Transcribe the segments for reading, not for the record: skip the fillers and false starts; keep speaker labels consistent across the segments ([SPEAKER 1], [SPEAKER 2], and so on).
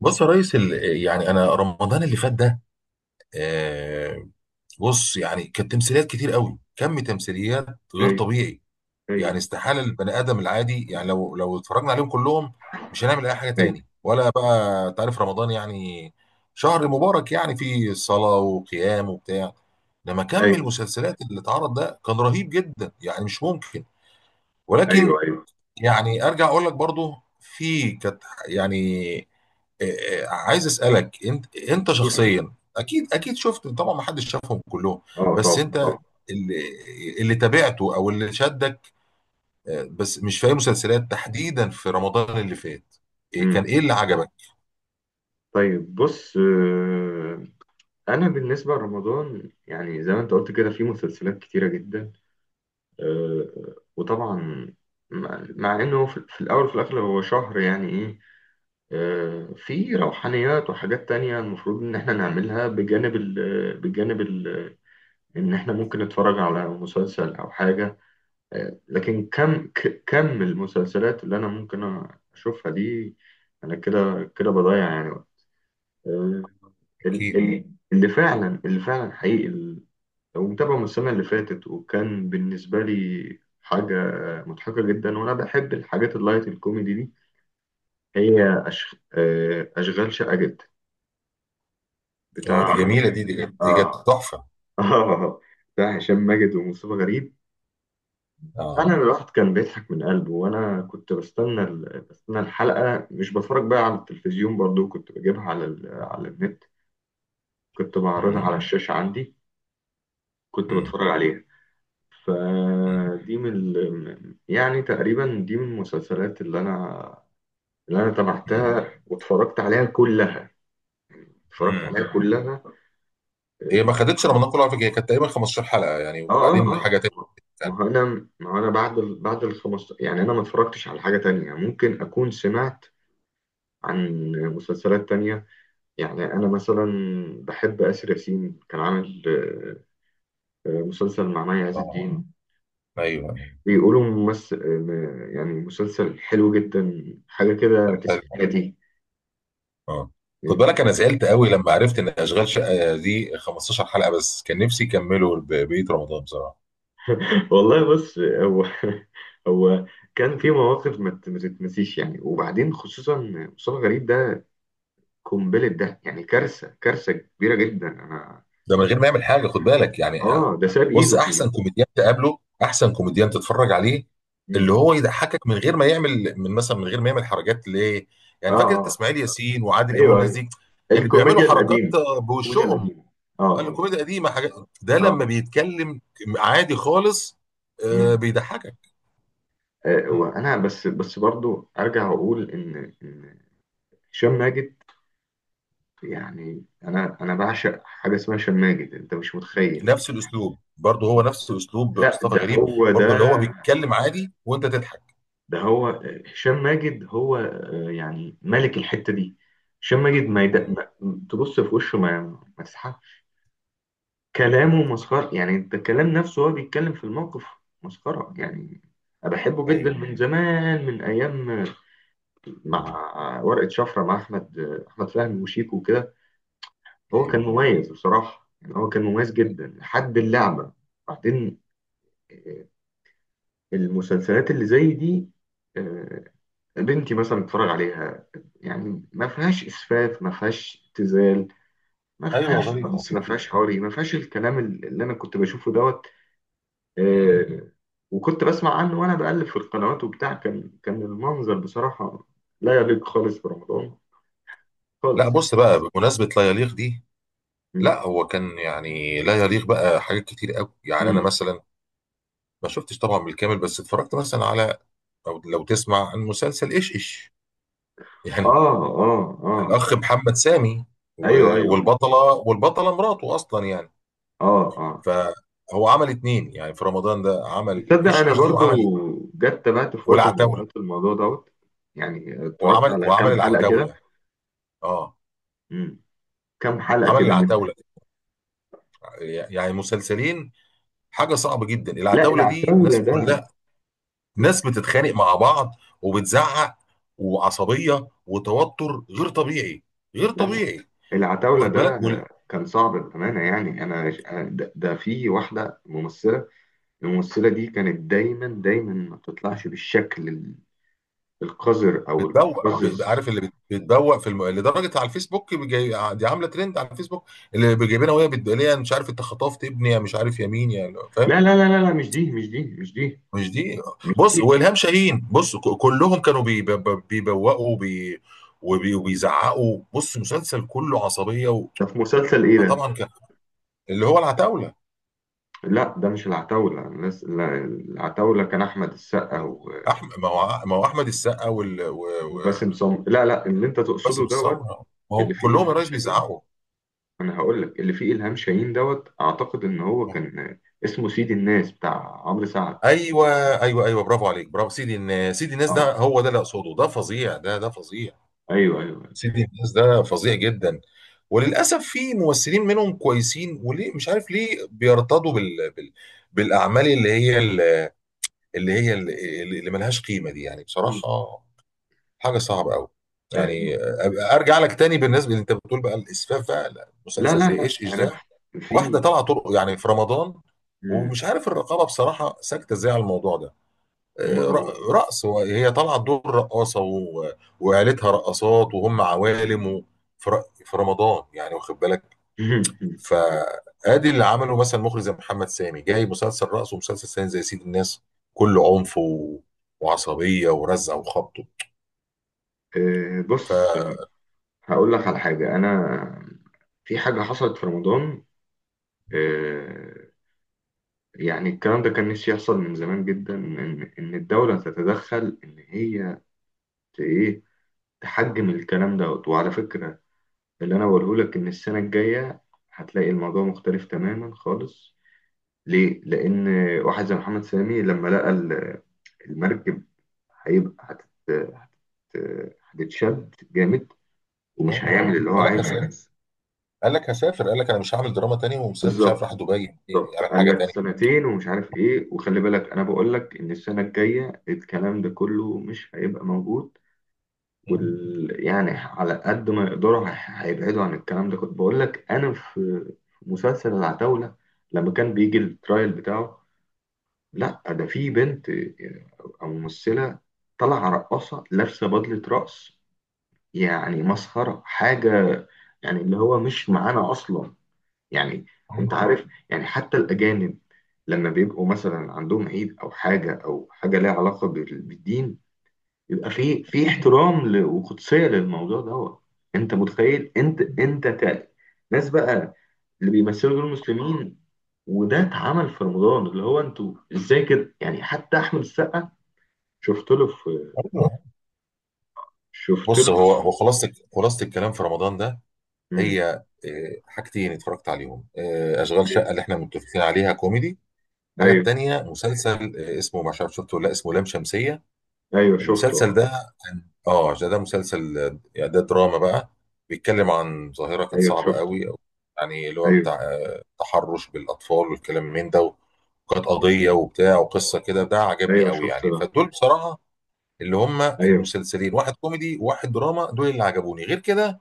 [SPEAKER 1] بص يا ريس انا رمضان اللي فات ده. آه، بص يعني كانت تمثيليات كتير قوي، كم تمثيليات غير
[SPEAKER 2] ايوه
[SPEAKER 1] طبيعي. يعني
[SPEAKER 2] ايوه
[SPEAKER 1] استحالة البني ادم العادي، يعني لو اتفرجنا عليهم كلهم مش هنعمل اي حاجة
[SPEAKER 2] ايوه
[SPEAKER 1] تاني. ولا بقى، تعرف رمضان يعني شهر مبارك، يعني فيه صلاة وقيام وبتاع. لما كم
[SPEAKER 2] ايوه
[SPEAKER 1] المسلسلات اللي اتعرض ده، كان رهيب جدا يعني، مش ممكن.
[SPEAKER 2] ايوه
[SPEAKER 1] ولكن
[SPEAKER 2] ايوه
[SPEAKER 1] يعني ارجع اقول لك برضو في كانت يعني. عايز اسالك، انت
[SPEAKER 2] قول حبيبي.
[SPEAKER 1] شخصيا، اكيد اكيد شفت طبعا، ما حدش شافهم كلهم،
[SPEAKER 2] اه،
[SPEAKER 1] بس
[SPEAKER 2] طبعا
[SPEAKER 1] انت
[SPEAKER 2] طبعا.
[SPEAKER 1] اللي اللي تابعته او اللي شدك. بس مش في اي مسلسلات تحديدا في رمضان اللي فات.
[SPEAKER 2] مم.
[SPEAKER 1] كان ايه اللي عجبك؟
[SPEAKER 2] طيب، بص، انا بالنسبه لرمضان يعني زي ما انت قلت كده في مسلسلات كتيره جدا. وطبعا مع انه في الاول وفي الاخر هو شهر يعني ايه. في روحانيات وحاجات تانية المفروض ان احنا نعملها بجانب ال ان احنا ممكن نتفرج على مسلسل او حاجه. لكن كم المسلسلات اللي انا ممكن اشوفها دي انا كده كده بضيع يعني وقت. آه، ال-
[SPEAKER 1] اكيد.
[SPEAKER 2] ال- اللي فعلا اللي فعلا حقيقي، لو متابعه من السنه اللي فاتت، وكان بالنسبه لي حاجه مضحكه جدا، وانا بحب الحاجات اللايت الكوميدي دي. هي أش... آه، اشغال شقه جدا
[SPEAKER 1] اه، دي
[SPEAKER 2] بتاع.
[SPEAKER 1] جميله، دي كانت
[SPEAKER 2] اه.
[SPEAKER 1] تحفه.
[SPEAKER 2] اه. بتاع هشام ماجد ومصطفى غريب.
[SPEAKER 1] اه.
[SPEAKER 2] فعلا الواحد كان بيضحك من قلبه، وانا كنت بستنى الحلقه، مش بتفرج بقى على التلفزيون، برضو كنت بجيبها على النت، كنت بعرضها
[SPEAKER 1] مم.
[SPEAKER 2] على الشاشه عندي، كنت
[SPEAKER 1] مم.
[SPEAKER 2] بتفرج عليها.
[SPEAKER 1] مم.
[SPEAKER 2] فدي يعني تقريبا دي من المسلسلات اللي انا
[SPEAKER 1] مم.
[SPEAKER 2] تابعتها واتفرجت عليها كلها، اتفرجت
[SPEAKER 1] مم.
[SPEAKER 2] عليها كلها.
[SPEAKER 1] هي ما خدتش رمضان كله على فكره، هي كانت تقريبا 15 حلقه يعني،
[SPEAKER 2] اه، اه،
[SPEAKER 1] وبعدين
[SPEAKER 2] اه.
[SPEAKER 1] حاجه تانية.
[SPEAKER 2] ما هو انا بعد ال 15 يعني انا ما اتفرجتش على حاجه تانية، ممكن اكون سمعت عن مسلسلات تانية. يعني أنا مثلا بحب آسر ياسين، كان عامل مسلسل مع مي عز
[SPEAKER 1] اه،
[SPEAKER 2] الدين،
[SPEAKER 1] ايوه، أيوة.
[SPEAKER 2] بيقولوا ممثل يعني. مسلسل حلو جدا، حاجة كده
[SPEAKER 1] كان حلو.
[SPEAKER 2] تسعيناتي.
[SPEAKER 1] اه. خد
[SPEAKER 2] أنت
[SPEAKER 1] بالك، انا
[SPEAKER 2] فاهم؟
[SPEAKER 1] زعلت قوي لما عرفت ان اشغال شقه دي 15 حلقه بس، كان نفسي يكملوا بقيه رمضان بصراحه.
[SPEAKER 2] والله بص، هو هو كان في مواقف ما تتنسيش يعني، وبعدين خصوصا مصطفى غريب ده قنبلة، ده يعني كارثة، كارثة كبيرة جدا. أنا
[SPEAKER 1] ده من غير ما يعمل حاجه، خد بالك يعني.
[SPEAKER 2] ده ساب
[SPEAKER 1] بص،
[SPEAKER 2] إيده في.
[SPEAKER 1] احسن كوميديان تقابله، احسن كوميديان تتفرج عليه، اللي
[SPEAKER 2] مم.
[SPEAKER 1] هو يضحكك من غير ما يعمل، من مثلا من غير ما يعمل حركات ليه.
[SPEAKER 2] آه،
[SPEAKER 1] يعني فاكر انت
[SPEAKER 2] آه،
[SPEAKER 1] اسماعيل ياسين وعادل امام
[SPEAKER 2] أيوه،
[SPEAKER 1] والناس
[SPEAKER 2] أيوه.
[SPEAKER 1] دي كانوا بيعملوا
[SPEAKER 2] الكوميديا
[SPEAKER 1] حركات
[SPEAKER 2] القديمة. الكوميديا
[SPEAKER 1] بوشهم.
[SPEAKER 2] القديمة. آه،
[SPEAKER 1] قال له
[SPEAKER 2] آه،
[SPEAKER 1] كوميديا قديمه، حاجات ده لما
[SPEAKER 2] آه.
[SPEAKER 1] بيتكلم عادي خالص،
[SPEAKER 2] مم.
[SPEAKER 1] بيضحكك.
[SPEAKER 2] وانا بس برضو ارجع اقول ان هشام ماجد، يعني انا بعشق حاجه اسمها هشام ماجد، انت مش متخيل
[SPEAKER 1] نفس
[SPEAKER 2] يعني.
[SPEAKER 1] الاسلوب برضه، هو نفس اسلوب
[SPEAKER 2] لا
[SPEAKER 1] مصطفى
[SPEAKER 2] ده
[SPEAKER 1] غريب
[SPEAKER 2] هو ده،
[SPEAKER 1] برضه، اللي هو بيتكلم عادي وانت تضحك.
[SPEAKER 2] ده هو هشام ماجد، هو يعني ملك الحته دي. هشام ماجد
[SPEAKER 1] مم.
[SPEAKER 2] ما تبص في وشه، ما تسحبش كلامه مسخره، يعني انت الكلام نفسه هو بيتكلم في الموقف مسخره يعني. انا بحبه جدا
[SPEAKER 1] ايوه.
[SPEAKER 2] من زمان، من ايام
[SPEAKER 1] مم.
[SPEAKER 2] مع ورقة شفرة، مع أحمد، أحمد فهمي وشيكو وكده. هو كان
[SPEAKER 1] ايوه،
[SPEAKER 2] مميز بصراحة، يعني هو كان مميز جدا لحد اللعبة. بعدين آه، المسلسلات اللي زي دي آه، بنتي مثلا بتتفرج عليها، يعني ما فيهاش إسفاف، ما فيهاش ابتذال، ما
[SPEAKER 1] ايوه
[SPEAKER 2] فيهاش
[SPEAKER 1] ظريفه
[SPEAKER 2] نص، ما
[SPEAKER 1] خفيفه.
[SPEAKER 2] فيهاش حواري، ما فيهاش الكلام اللي أنا كنت بشوفه دوت.
[SPEAKER 1] مم.
[SPEAKER 2] آه، وكنت بسمع عنه وأنا بقلب في القنوات وبتاع، كان كان المنظر بصراحة لا يليق خالص برمضان،
[SPEAKER 1] لا،
[SPEAKER 2] خالص يعني.
[SPEAKER 1] بص بقى، بمناسبه لا يليق دي، لا هو كان يعني لا يليق بقى حاجات كتير قوي. يعني انا
[SPEAKER 2] مم.
[SPEAKER 1] مثلا ما شفتش طبعا بالكامل، بس اتفرجت مثلا على، او لو تسمع عن مسلسل ايش ايش
[SPEAKER 2] اه،
[SPEAKER 1] يعني
[SPEAKER 2] اه، اه.
[SPEAKER 1] الاخ محمد سامي،
[SPEAKER 2] ايوه، ايوه.
[SPEAKER 1] والبطله مراته اصلا يعني.
[SPEAKER 2] اه، اه.
[SPEAKER 1] فهو عمل اتنين يعني في رمضان ده، عمل
[SPEAKER 2] تصدق
[SPEAKER 1] ايش
[SPEAKER 2] انا
[SPEAKER 1] ايش دي
[SPEAKER 2] برضو
[SPEAKER 1] وعمل
[SPEAKER 2] جت تابعت في وقت من
[SPEAKER 1] والعتاوله
[SPEAKER 2] الاوقات الموضوع دوت، يعني اتفرجت
[SPEAKER 1] وعمل
[SPEAKER 2] على
[SPEAKER 1] وعمل
[SPEAKER 2] كام حلقه كده.
[SPEAKER 1] العتاوله اه
[SPEAKER 2] مم. كام حلقه
[SPEAKER 1] عمل
[SPEAKER 2] كده منه.
[SPEAKER 1] العتاوله، يعني مسلسلين. حاجه صعبه جدا،
[SPEAKER 2] لا
[SPEAKER 1] العتاوله دي
[SPEAKER 2] العتاوله
[SPEAKER 1] ناس
[SPEAKER 2] ده،
[SPEAKER 1] كلها، ناس بتتخانق مع بعض وبتزعق وعصبيه وتوتر غير طبيعي، غير
[SPEAKER 2] لا لا،
[SPEAKER 1] طبيعي.
[SPEAKER 2] العتاوله
[SPEAKER 1] واخد بالك؟
[SPEAKER 2] ده كان صعب بامانه، يعني انا ده, ده في واحده ممثله، الممثله دي كانت دايما دايما ما بتطلعش القذر او
[SPEAKER 1] بتبوق،
[SPEAKER 2] المقزز.
[SPEAKER 1] عارف اللي بتبوق في لدرجه على الفيسبوك، دي عامله ترند على الفيسبوك، اللي جايبينها وهي بتقول لها مش عارف انت خطفت ابني، يا مش عارف يا مين، يا فاهم.
[SPEAKER 2] لا لا لا لا لا، مش دي، مش دي، مش دي،
[SPEAKER 1] مش دي.
[SPEAKER 2] مش
[SPEAKER 1] بص،
[SPEAKER 2] دي.
[SPEAKER 1] والهام شاهين، بص كلهم كانوا بيبوقوا وبيزعقوا. بص، مسلسل كله عصبيه. و...
[SPEAKER 2] ده في مسلسل ايه ده؟
[SPEAKER 1] فطبعا كان اللي هو العتاوله،
[SPEAKER 2] لا ده مش العتاولة، الناس لا، العتاولة كان أحمد السقا
[SPEAKER 1] احمد، ما هو احمد السقا
[SPEAKER 2] وباسم سمرة، لا لا اللي أنت تقصده
[SPEAKER 1] وباسم
[SPEAKER 2] دوت
[SPEAKER 1] السمره، ما هو
[SPEAKER 2] اللي فيه
[SPEAKER 1] كلهم يا
[SPEAKER 2] إلهام
[SPEAKER 1] ريس
[SPEAKER 2] شاهين.
[SPEAKER 1] بيزعقوا.
[SPEAKER 2] أنا هقول لك، اللي فيه إلهام شاهين دوت أعتقد إن هو كان اسمه سيد الناس بتاع عمرو سعد.
[SPEAKER 1] ايوه، ايوه، ايوه، برافو عليك، برافو، سيدي الناس، سيدي الناس ده
[SPEAKER 2] أه،
[SPEAKER 1] هو ده اللي اقصده، ده فظيع، ده فظيع.
[SPEAKER 2] أيوه، أيوه.
[SPEAKER 1] سيدي الناس ده فظيع جدا. وللاسف في ممثلين منهم كويسين، وليه مش عارف، ليه بيرتضوا بالاعمال اللي هي ال- اللي ملهاش قيمه دي يعني
[SPEAKER 2] مم.
[SPEAKER 1] بصراحه. حاجه صعبه قوي
[SPEAKER 2] آه،
[SPEAKER 1] يعني. أبقى ارجع لك تاني بالنسبه اللي انت بتقول بقى الاسفاف بقى، لا،
[SPEAKER 2] لا
[SPEAKER 1] مسلسل
[SPEAKER 2] لا
[SPEAKER 1] زي
[SPEAKER 2] لا
[SPEAKER 1] ايش ايش
[SPEAKER 2] أنا
[SPEAKER 1] ده واحده
[SPEAKER 2] في.
[SPEAKER 1] طالعه طرق يعني في رمضان،
[SPEAKER 2] مم.
[SPEAKER 1] ومش عارف الرقابه بصراحه ساكته ازاي على الموضوع ده.
[SPEAKER 2] ما هو
[SPEAKER 1] رقص، هي طالعه دور رقاصه وعيلتها رقصات وهم عوالم، في رمضان يعني، واخد بالك؟ فادي اللي عمله مثلا مخرج زي محمد سامي، جاي مسلسل رقص ومسلسل ثاني زي سيد الناس كله عنف وعصبيه ورزع وخبط. ف
[SPEAKER 2] بص، هقول لك على حاجة. أنا في حاجة حصلت في رمضان. آه، يعني الكلام ده كان نفسي يحصل من زمان جدا، إن الدولة تتدخل، إن هي ت- إيه تحجم الكلام دوت. وعلى فكرة اللي أنا بقوله لك إن السنة الجاية هتلاقي الموضوع مختلف تماما خالص. ليه؟ لأن واحد زي محمد سامي لما لقى المركب هيبقى هتتشد جامد، ومش
[SPEAKER 1] آه.
[SPEAKER 2] هيعمل اللي هو
[SPEAKER 1] قال
[SPEAKER 2] عايزه.
[SPEAKER 1] لك هسافر، قال لك هسافر. قال لك انا مش هعمل دراما تاني ومسافر، مش عارف،
[SPEAKER 2] بالظبط،
[SPEAKER 1] راح دبي يعني
[SPEAKER 2] بالظبط.
[SPEAKER 1] يعمل
[SPEAKER 2] قال
[SPEAKER 1] حاجه
[SPEAKER 2] لك
[SPEAKER 1] تاني.
[SPEAKER 2] سنتين ومش عارف ايه، وخلي بالك انا بقول لك ان السنه الجايه الكلام ده كله مش هيبقى موجود.
[SPEAKER 1] مم.
[SPEAKER 2] يعني على قد ما يقدروا هيبعدوا عن الكلام ده. كنت بقول لك، انا في في مسلسل العتاولة لما كان بيجي الترايل بتاعه، لا ده في بنت او ممثلة طالعة رقاصة لابسة بدلة رقص، يعني مسخرة حاجة. يعني اللي هو مش معانا اصلا يعني. انت
[SPEAKER 1] مم.
[SPEAKER 2] عارف يعني، حتى الاجانب لما بيبقوا مثلا عندهم عيد او حاجة او حاجة ليها علاقة بالدين، يبقى في في احترام وقدسيه للموضوع دوت. انت متخيل؟ ناس بقى اللي بيمثلوا دول المسلمين، وده اتعمل في رمضان، اللي هو انتوا ازاي كده، يعني حتى احمد السقا شفت له في،
[SPEAKER 1] أيوة.
[SPEAKER 2] شفت
[SPEAKER 1] بص،
[SPEAKER 2] له
[SPEAKER 1] هو
[SPEAKER 2] في.
[SPEAKER 1] هو خلاصه الكلام في رمضان ده،
[SPEAKER 2] مم.
[SPEAKER 1] هي حاجتين اتفرجت عليهم. اشغال شقه
[SPEAKER 2] ايوه،
[SPEAKER 1] اللي احنا متفقين عليها كوميدي، الحاجه
[SPEAKER 2] ايوه،
[SPEAKER 1] التانيه مسلسل اسمه، ما عارف شفته ولا لأ، اسمه لام شمسيه.
[SPEAKER 2] أيوه، شفته
[SPEAKER 1] المسلسل
[SPEAKER 2] اه.
[SPEAKER 1] ده كان ده مسلسل يعني ده دراما بقى، بيتكلم عن ظاهره كانت
[SPEAKER 2] ايوه
[SPEAKER 1] صعبه
[SPEAKER 2] شفته.
[SPEAKER 1] قوي، أو يعني اللي هو
[SPEAKER 2] ايوه،
[SPEAKER 1] بتاع تحرش بالاطفال والكلام من ده، وكانت قضيه وبتاع وقصه كده، ده عجبني
[SPEAKER 2] ايوه
[SPEAKER 1] قوي
[SPEAKER 2] شفته
[SPEAKER 1] يعني.
[SPEAKER 2] ده.
[SPEAKER 1] فدول بصراحه اللي هم
[SPEAKER 2] ايوه شفته.
[SPEAKER 1] المسلسلين، واحد كوميدي وواحد دراما، دول اللي عجبوني غير كده.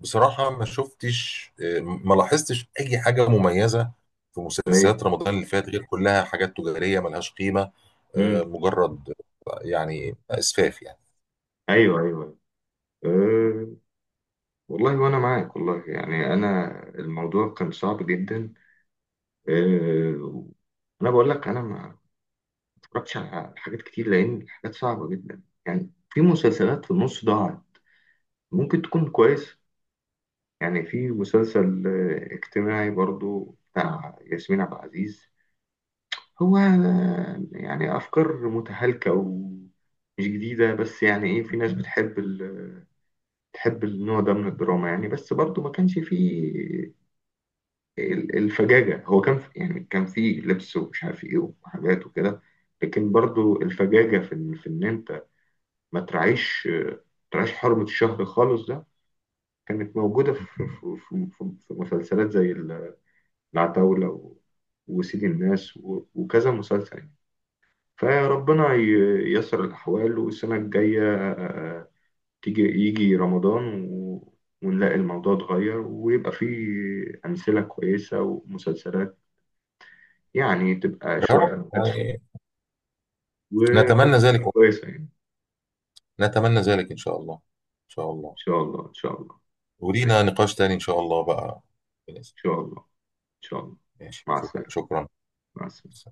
[SPEAKER 1] بصراحة ما شفتش آه، ما لاحظتش أي حاجة مميزة في
[SPEAKER 2] ايوه.
[SPEAKER 1] مسلسلات رمضان اللي فات، غير كلها حاجات تجارية ملهاش قيمة،
[SPEAKER 2] امم.
[SPEAKER 1] مجرد يعني إسفاف يعني.
[SPEAKER 2] ايوه، ايوه، أيوه. أه، والله وانا معاك والله، يعني انا الموضوع كان صعب جدا. آه، انا بقول لك، انا ما اتفرجتش على حاجات كتير، لان الحاجات صعبه جدا، يعني في مسلسلات في النص ضاعت، ممكن تكون كويس. يعني في مسلسل اجتماعي برضو بتاع ياسمين عبد العزيز، هو يعني افكار متهالكه ومش جديده، بس يعني ايه، في ناس بتحب النوع ده من الدراما يعني. بس برضو ما كانش فيه الفجاجة، هو كان في يعني كان في لبس ومش عارف ايه وحاجات وكده، لكن برضو الفجاجة في ان انت ما تراعيش حرمة الشهر خالص ده، كانت موجودة في مسلسلات زي العتاولة و وسيد الناس و وكذا مسلسل يعني. فربنا ييسر الأحوال، والسنة الجاية يجي رمضان و ونلاقي الموضوع اتغير، ويبقى فيه أمثلة كويسة ومسلسلات يعني، تبقى
[SPEAKER 1] يا رب
[SPEAKER 2] شوية هادفة
[SPEAKER 1] يعني. نتمنى ذلك.
[SPEAKER 2] وكويسة يعني.
[SPEAKER 1] نتمنى ذلك إن شاء الله، إن شاء
[SPEAKER 2] إن
[SPEAKER 1] الله.
[SPEAKER 2] شاء الله، إن شاء الله.
[SPEAKER 1] ولينا
[SPEAKER 2] ماشي، إن
[SPEAKER 1] نقاش تاني إن شاء الله بقى.
[SPEAKER 2] شاء الله. إن شاء الله.
[SPEAKER 1] ماشي،
[SPEAKER 2] مع
[SPEAKER 1] شكرا،
[SPEAKER 2] السلامة.
[SPEAKER 1] شكرا.
[SPEAKER 2] مع السلامة.